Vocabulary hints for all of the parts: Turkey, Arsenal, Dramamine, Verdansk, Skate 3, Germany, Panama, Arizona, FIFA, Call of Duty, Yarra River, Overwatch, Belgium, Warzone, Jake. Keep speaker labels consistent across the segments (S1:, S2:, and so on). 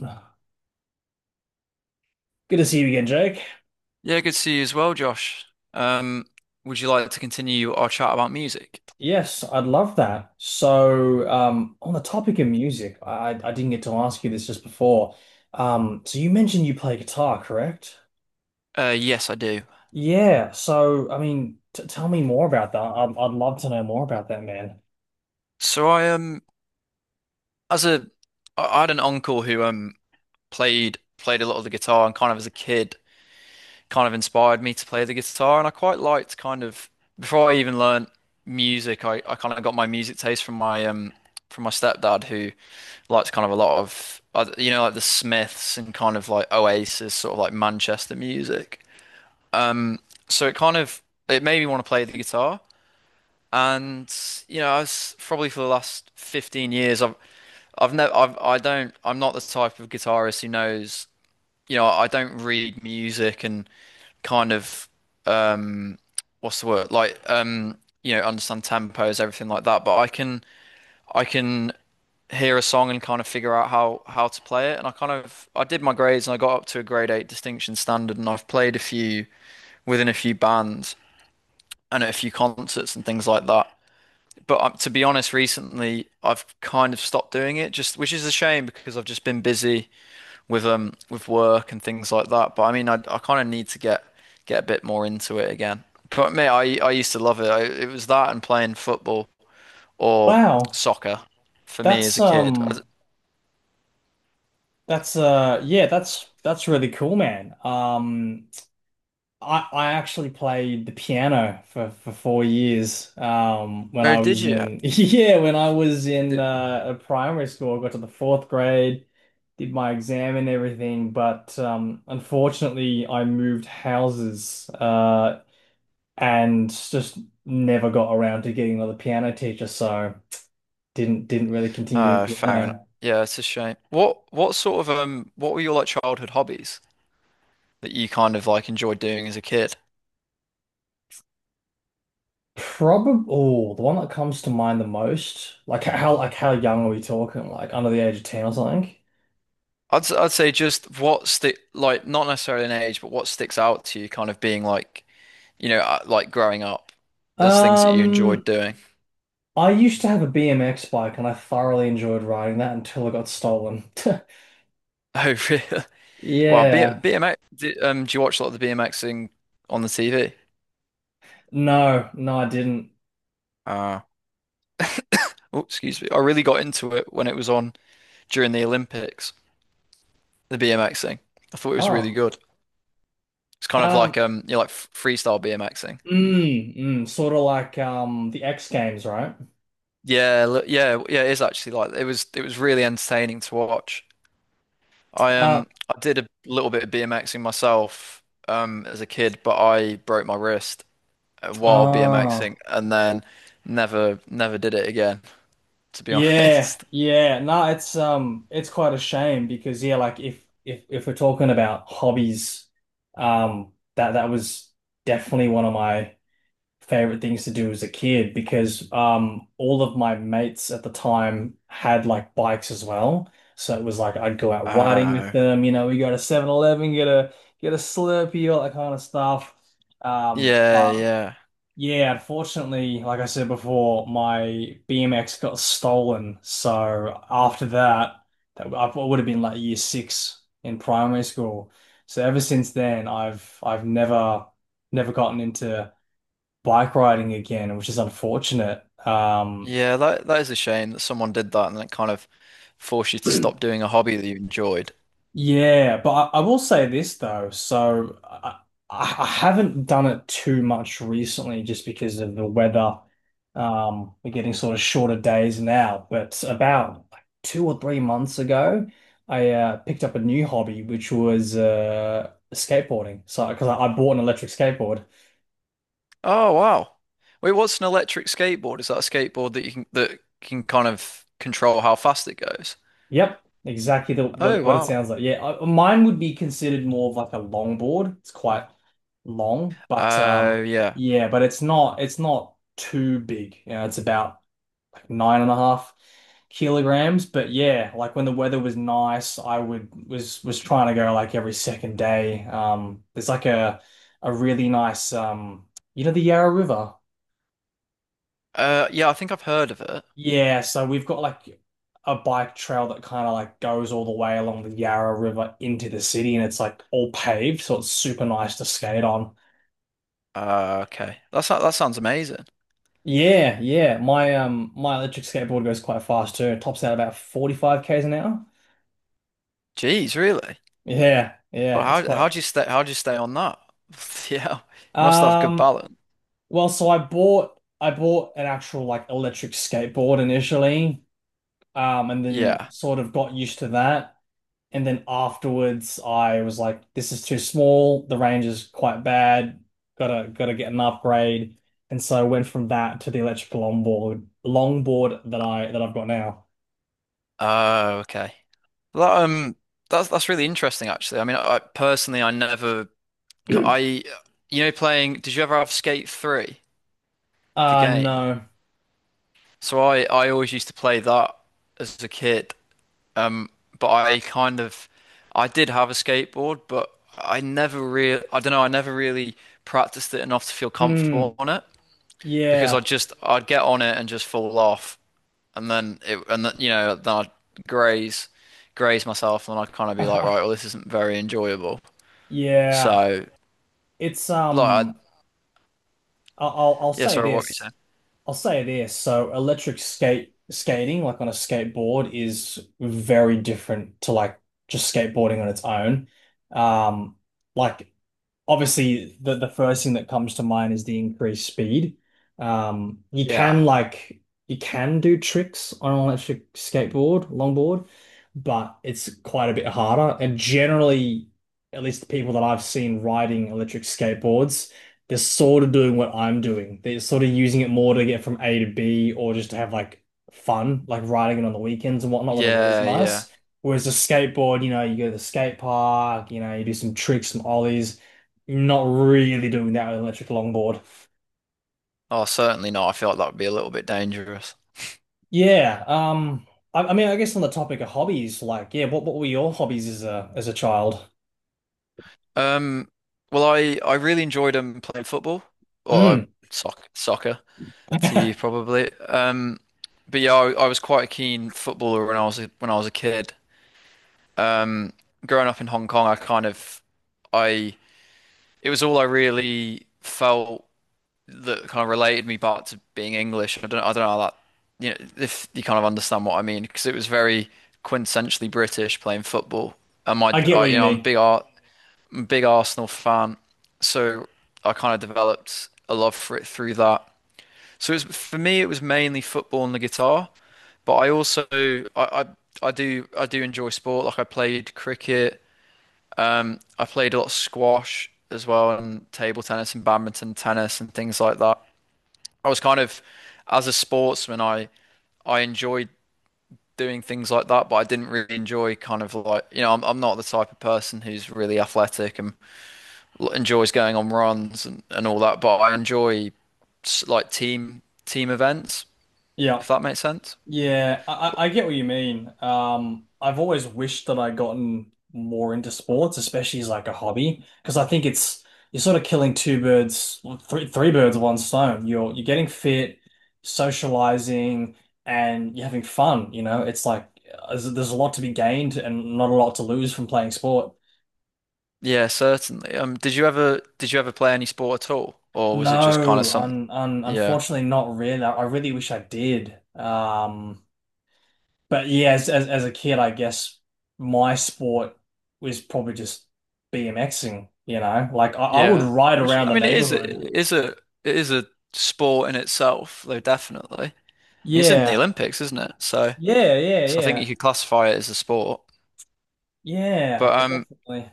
S1: Good to see you again, Jake.
S2: Yeah, good to see you as well, Josh. Um, would you like to continue our chat about music?
S1: Yes, I'd love that. So, on the topic of music, I didn't get to ask you this just before. So you mentioned you play guitar, correct?
S2: Yes, I do.
S1: Yeah. So, I mean, t tell me more about that. I'd love to know more about that, man.
S2: So I as a, I had an uncle who played a lot of the guitar and kind of as a kid, kind of inspired me to play the guitar, and I quite liked kind of before I even learned music, I kind of got my music taste from my stepdad who liked kind of a lot of you know, like the Smiths and kind of like Oasis, sort of like Manchester music. Um, so it made me want to play the guitar, and you know, I was probably for the last 15 years, I've never I've I don't I'm not the type of guitarist who knows, you know, I don't read music and kind of um what's the word? Like you know, understand tempos, everything like that, but I can hear a song and kind of figure out how to play it, and I kind of I did my grades and I got up to a grade 8 distinction standard, and I've played a few within a few bands and at a few concerts and things like that. But to be honest, recently I've kind of stopped doing it, just which is a shame because I've just been busy with work and things like that. But I mean, I kind of need to get a bit more into it again. But mate, I used to love it. It was that and playing football or
S1: Wow,
S2: soccer for me as
S1: that's
S2: a kid.
S1: um, that's yeah, that's really cool, man. I actually played the piano for 4 years when
S2: Or
S1: I
S2: did
S1: was
S2: you?
S1: in yeah when I was in
S2: Did-
S1: primary school. I got to the fourth grade, did my exam and everything, but unfortunately I moved houses, and just never got around to getting another piano teacher, so didn't really continue doing
S2: Fair enough.
S1: piano.
S2: Yeah, it's a shame. What sort of what were your like childhood hobbies that you kind of like enjoyed doing as a kid?
S1: Probably, oh, the one that comes to mind the most, like how, like how young are we talking? Like under the age of 10 or something?
S2: I'd say just what stick, like, not necessarily an age, but what sticks out to you, kind of being like, you know, like growing up as things that you enjoyed
S1: Um,
S2: doing.
S1: I used to have a BMX bike and I thoroughly enjoyed riding that until it got stolen.
S2: Oh, really? Well, B
S1: Yeah.
S2: BMX. Do, do you watch a lot of the BMXing on the TV?
S1: No, no, I didn't.
S2: Uh, oh, excuse me. I really got into it when it was on during the Olympics. The BMXing. I thought it was really
S1: Oh.
S2: good. It's kind of
S1: Um,
S2: like you know, like freestyle BMXing.
S1: sort of like the X Games, right?
S2: Yeah, look, yeah, yeah. It is actually like it was. It was really entertaining to watch.
S1: Uh,
S2: I did a little bit of BMXing myself as a kid, but I broke my wrist while
S1: oh.
S2: BMXing, and then never did it again, to be
S1: Yeah.
S2: honest.
S1: Yeah. No, it's quite a shame because, yeah, like if we're talking about hobbies, that was definitely one of my favorite things to do as a kid, because all of my mates at the time had like bikes as well. So it was like I'd go out riding with
S2: Oh.
S1: them, you know, we go to 7-Eleven, get a Slurpee, all that kind of stuff. Um,
S2: Yeah,
S1: um
S2: yeah.
S1: yeah, unfortunately, like I said before, my BMX got stolen. So after that, that I would have been like year six in primary school. So ever since then, I've never never gotten into bike riding again, which is unfortunate.
S2: Yeah, that that is a shame that someone did that and it kind of forced you to stop doing a hobby that you enjoyed.
S1: Yeah, but I will say this though. So I, I haven't done it too much recently just because of the weather. We're getting sort of shorter days now, but about like 2 or 3 months ago, I picked up a new hobby, which was skateboarding. So because I bought an electric skateboard.
S2: Oh, wow. Wait, what's an electric skateboard? Is that a skateboard that you can, that can kind of control how fast it goes?
S1: Yep, exactly the
S2: Oh,
S1: what it
S2: wow.
S1: sounds like. Yeah, I, mine would be considered more of like a longboard. It's quite long, but
S2: Oh, yeah.
S1: yeah, but it's not too big. You know, it's about like 9.5 kilograms. But yeah, like when the weather was nice, I would was trying to go like every second day. There's like a really nice, you know, the Yarra River.
S2: Yeah, I think I've heard of it.
S1: Yeah, so we've got like a bike trail that kind of like goes all the way along the Yarra River into the city, and it's like all paved, so it's super nice to skate on.
S2: Okay. That that sounds amazing.
S1: Yeah, yeah. My electric skateboard goes quite fast too. It tops out about 45 k's an hour.
S2: Jeez, really?
S1: Yeah,
S2: Well,
S1: yeah, it's
S2: how
S1: quite
S2: do you stay, how do you stay on that? Yeah, you must have good
S1: um
S2: balance.
S1: well, so I bought an actual like electric skateboard initially, and then
S2: Yeah.
S1: sort of got used to that. And then afterwards, I was like, this is too small. The range is quite bad. Gotta get an upgrade. And so I went from that to the electrical longboard, longboard that I that I've got now.
S2: Oh, okay. Well, that's really interesting, actually. I mean, I personally, I never, I, you know, playing. Did you ever have Skate 3, the
S1: Uh,
S2: game?
S1: no.
S2: So I always used to play that as a kid. Um, but I kind of, I did have a skateboard, but I never really, I don't know, I never really practiced it enough to feel
S1: Hmm.
S2: comfortable on it, because I
S1: Yeah.
S2: just, I'd get on it and just fall off, and then it, and then, you know, then I'd graze, graze myself, and then I'd kind of be like, right, well, this isn't very enjoyable.
S1: Yeah.
S2: So,
S1: It's
S2: like, I,
S1: um. I'll
S2: yeah,
S1: say
S2: sorry, what were you
S1: this.
S2: saying?
S1: I'll say this. So electric skate skating, like on a skateboard, is very different to like just skateboarding on its own. Um, like, obviously, the first thing that comes to mind is the increased speed. Um, you
S2: Yeah,
S1: can like you can do tricks on an electric skateboard, longboard, but it's quite a bit harder. And generally, at least the people that I've seen riding electric skateboards, they're sort of doing what I'm doing. They're sort of using it more to get from A to B, or just to have like fun, like riding it on the weekends and whatnot when the weather's
S2: yeah, yeah.
S1: nice. Whereas the skateboard, you know, you go to the skate park, you know, you do some tricks, some ollies. Not really doing that with an electric longboard.
S2: Oh, certainly not. I feel like that would be a little bit dangerous.
S1: Yeah. I mean, I guess on the topic of hobbies, like, yeah, what were your hobbies as a child?
S2: Um, well, I really enjoyed playing football or
S1: Mm.
S2: soccer to you,
S1: I
S2: probably. But yeah, I was quite a keen footballer when I was a, when I was a kid. Growing up in Hong Kong, I kind of I it was all I really felt that kind of related me back to being English. I don't know how that, you know, if you kind of understand what I mean, because it was very quintessentially British playing football. And
S1: get what
S2: you
S1: you
S2: know, I'm a
S1: mean.
S2: big art big Arsenal fan, so I kind of developed a love for it through that. So it's, for me, it was mainly football and the guitar, but I also I do enjoy sport. Like I played cricket, I played a lot of squash as well, and table tennis and badminton, tennis and things like that. I was kind of, as a sportsman, I enjoyed doing things like that, but I didn't really enjoy kind of, like, you know, I'm not the type of person who's really athletic and, like, enjoys going on runs and all that, but I enjoy like team events,
S1: Yeah.
S2: if that makes sense.
S1: Yeah, I, I get what you mean. I've always wished that I'd gotten more into sports, especially as like a hobby, because I think it's you're sort of killing two birds, well, three birds with one stone. You're getting fit, socializing, and you're having fun. You know, it's like, there's a lot to be gained and not a lot to lose from playing sport.
S2: Yeah, certainly. Did you ever, did you ever play any sport at all, or was it just kind of some? Yeah,
S1: Unfortunately, not really. I really wish I did. Um. But yeah, as a kid, I guess my sport was probably just BMXing, you know? Like I would
S2: yeah.
S1: ride
S2: Which
S1: around
S2: I
S1: the
S2: mean, it is a,
S1: neighborhood.
S2: it is a sport in itself, though, definitely. I mean, it's in the
S1: Yeah.
S2: Olympics, isn't it? So,
S1: Yeah, yeah,
S2: so I think you
S1: yeah.
S2: could classify it as a sport.
S1: Yeah,
S2: But
S1: definitely.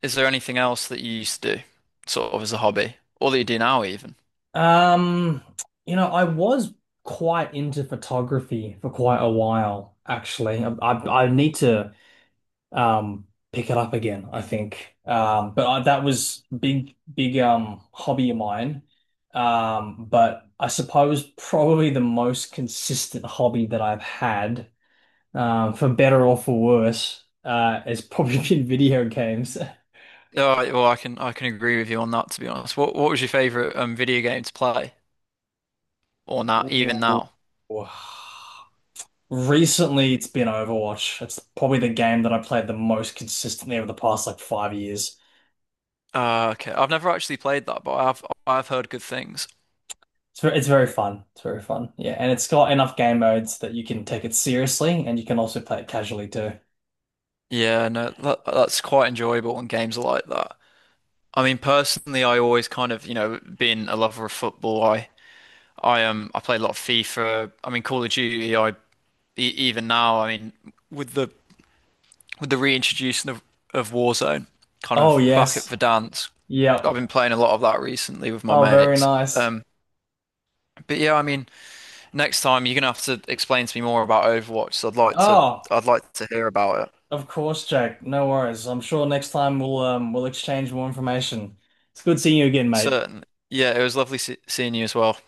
S2: is there anything else that you used to do, sort of as a hobby, or that you do now even?
S1: Um, you know, I was quite into photography for quite a while, actually. I need to, um, pick it up again, I think. But I, that was big hobby of mine. But I suppose probably the most consistent hobby that I've had, for better or for worse, has probably been video games.
S2: Oh, well, I can agree with you on that, to be honest. What was your favorite video game to play, or not even
S1: Ooh.
S2: now?
S1: Recently, it's been Overwatch. It's probably the game that I played the most consistently over the past like 5 years.
S2: Okay, I've never actually played that, but I've heard good things.
S1: It's very fun. It's very fun. Yeah, and it's got enough game modes that you can take it seriously and you can also play it casually too.
S2: Yeah, no, that, that's quite enjoyable when games are like that. I mean, personally, I always kind of, you know, being a lover of football, I play a lot of FIFA. I mean, Call of Duty. I e even now, I mean, with the with the reintroduction of Warzone, kind
S1: Oh,
S2: of back at
S1: yes.
S2: Verdansk. I've
S1: Yep.
S2: been playing a lot of that recently with my
S1: Oh, very
S2: mates.
S1: nice.
S2: Um, but yeah, I mean, next time you're gonna have to explain to me more about Overwatch. So
S1: Oh,
S2: I'd like to hear about it.
S1: of course, Jake. No worries. I'm sure next time we'll exchange more information. It's good seeing you again, mate.
S2: Certainly. Yeah, it was lovely se seeing you as well.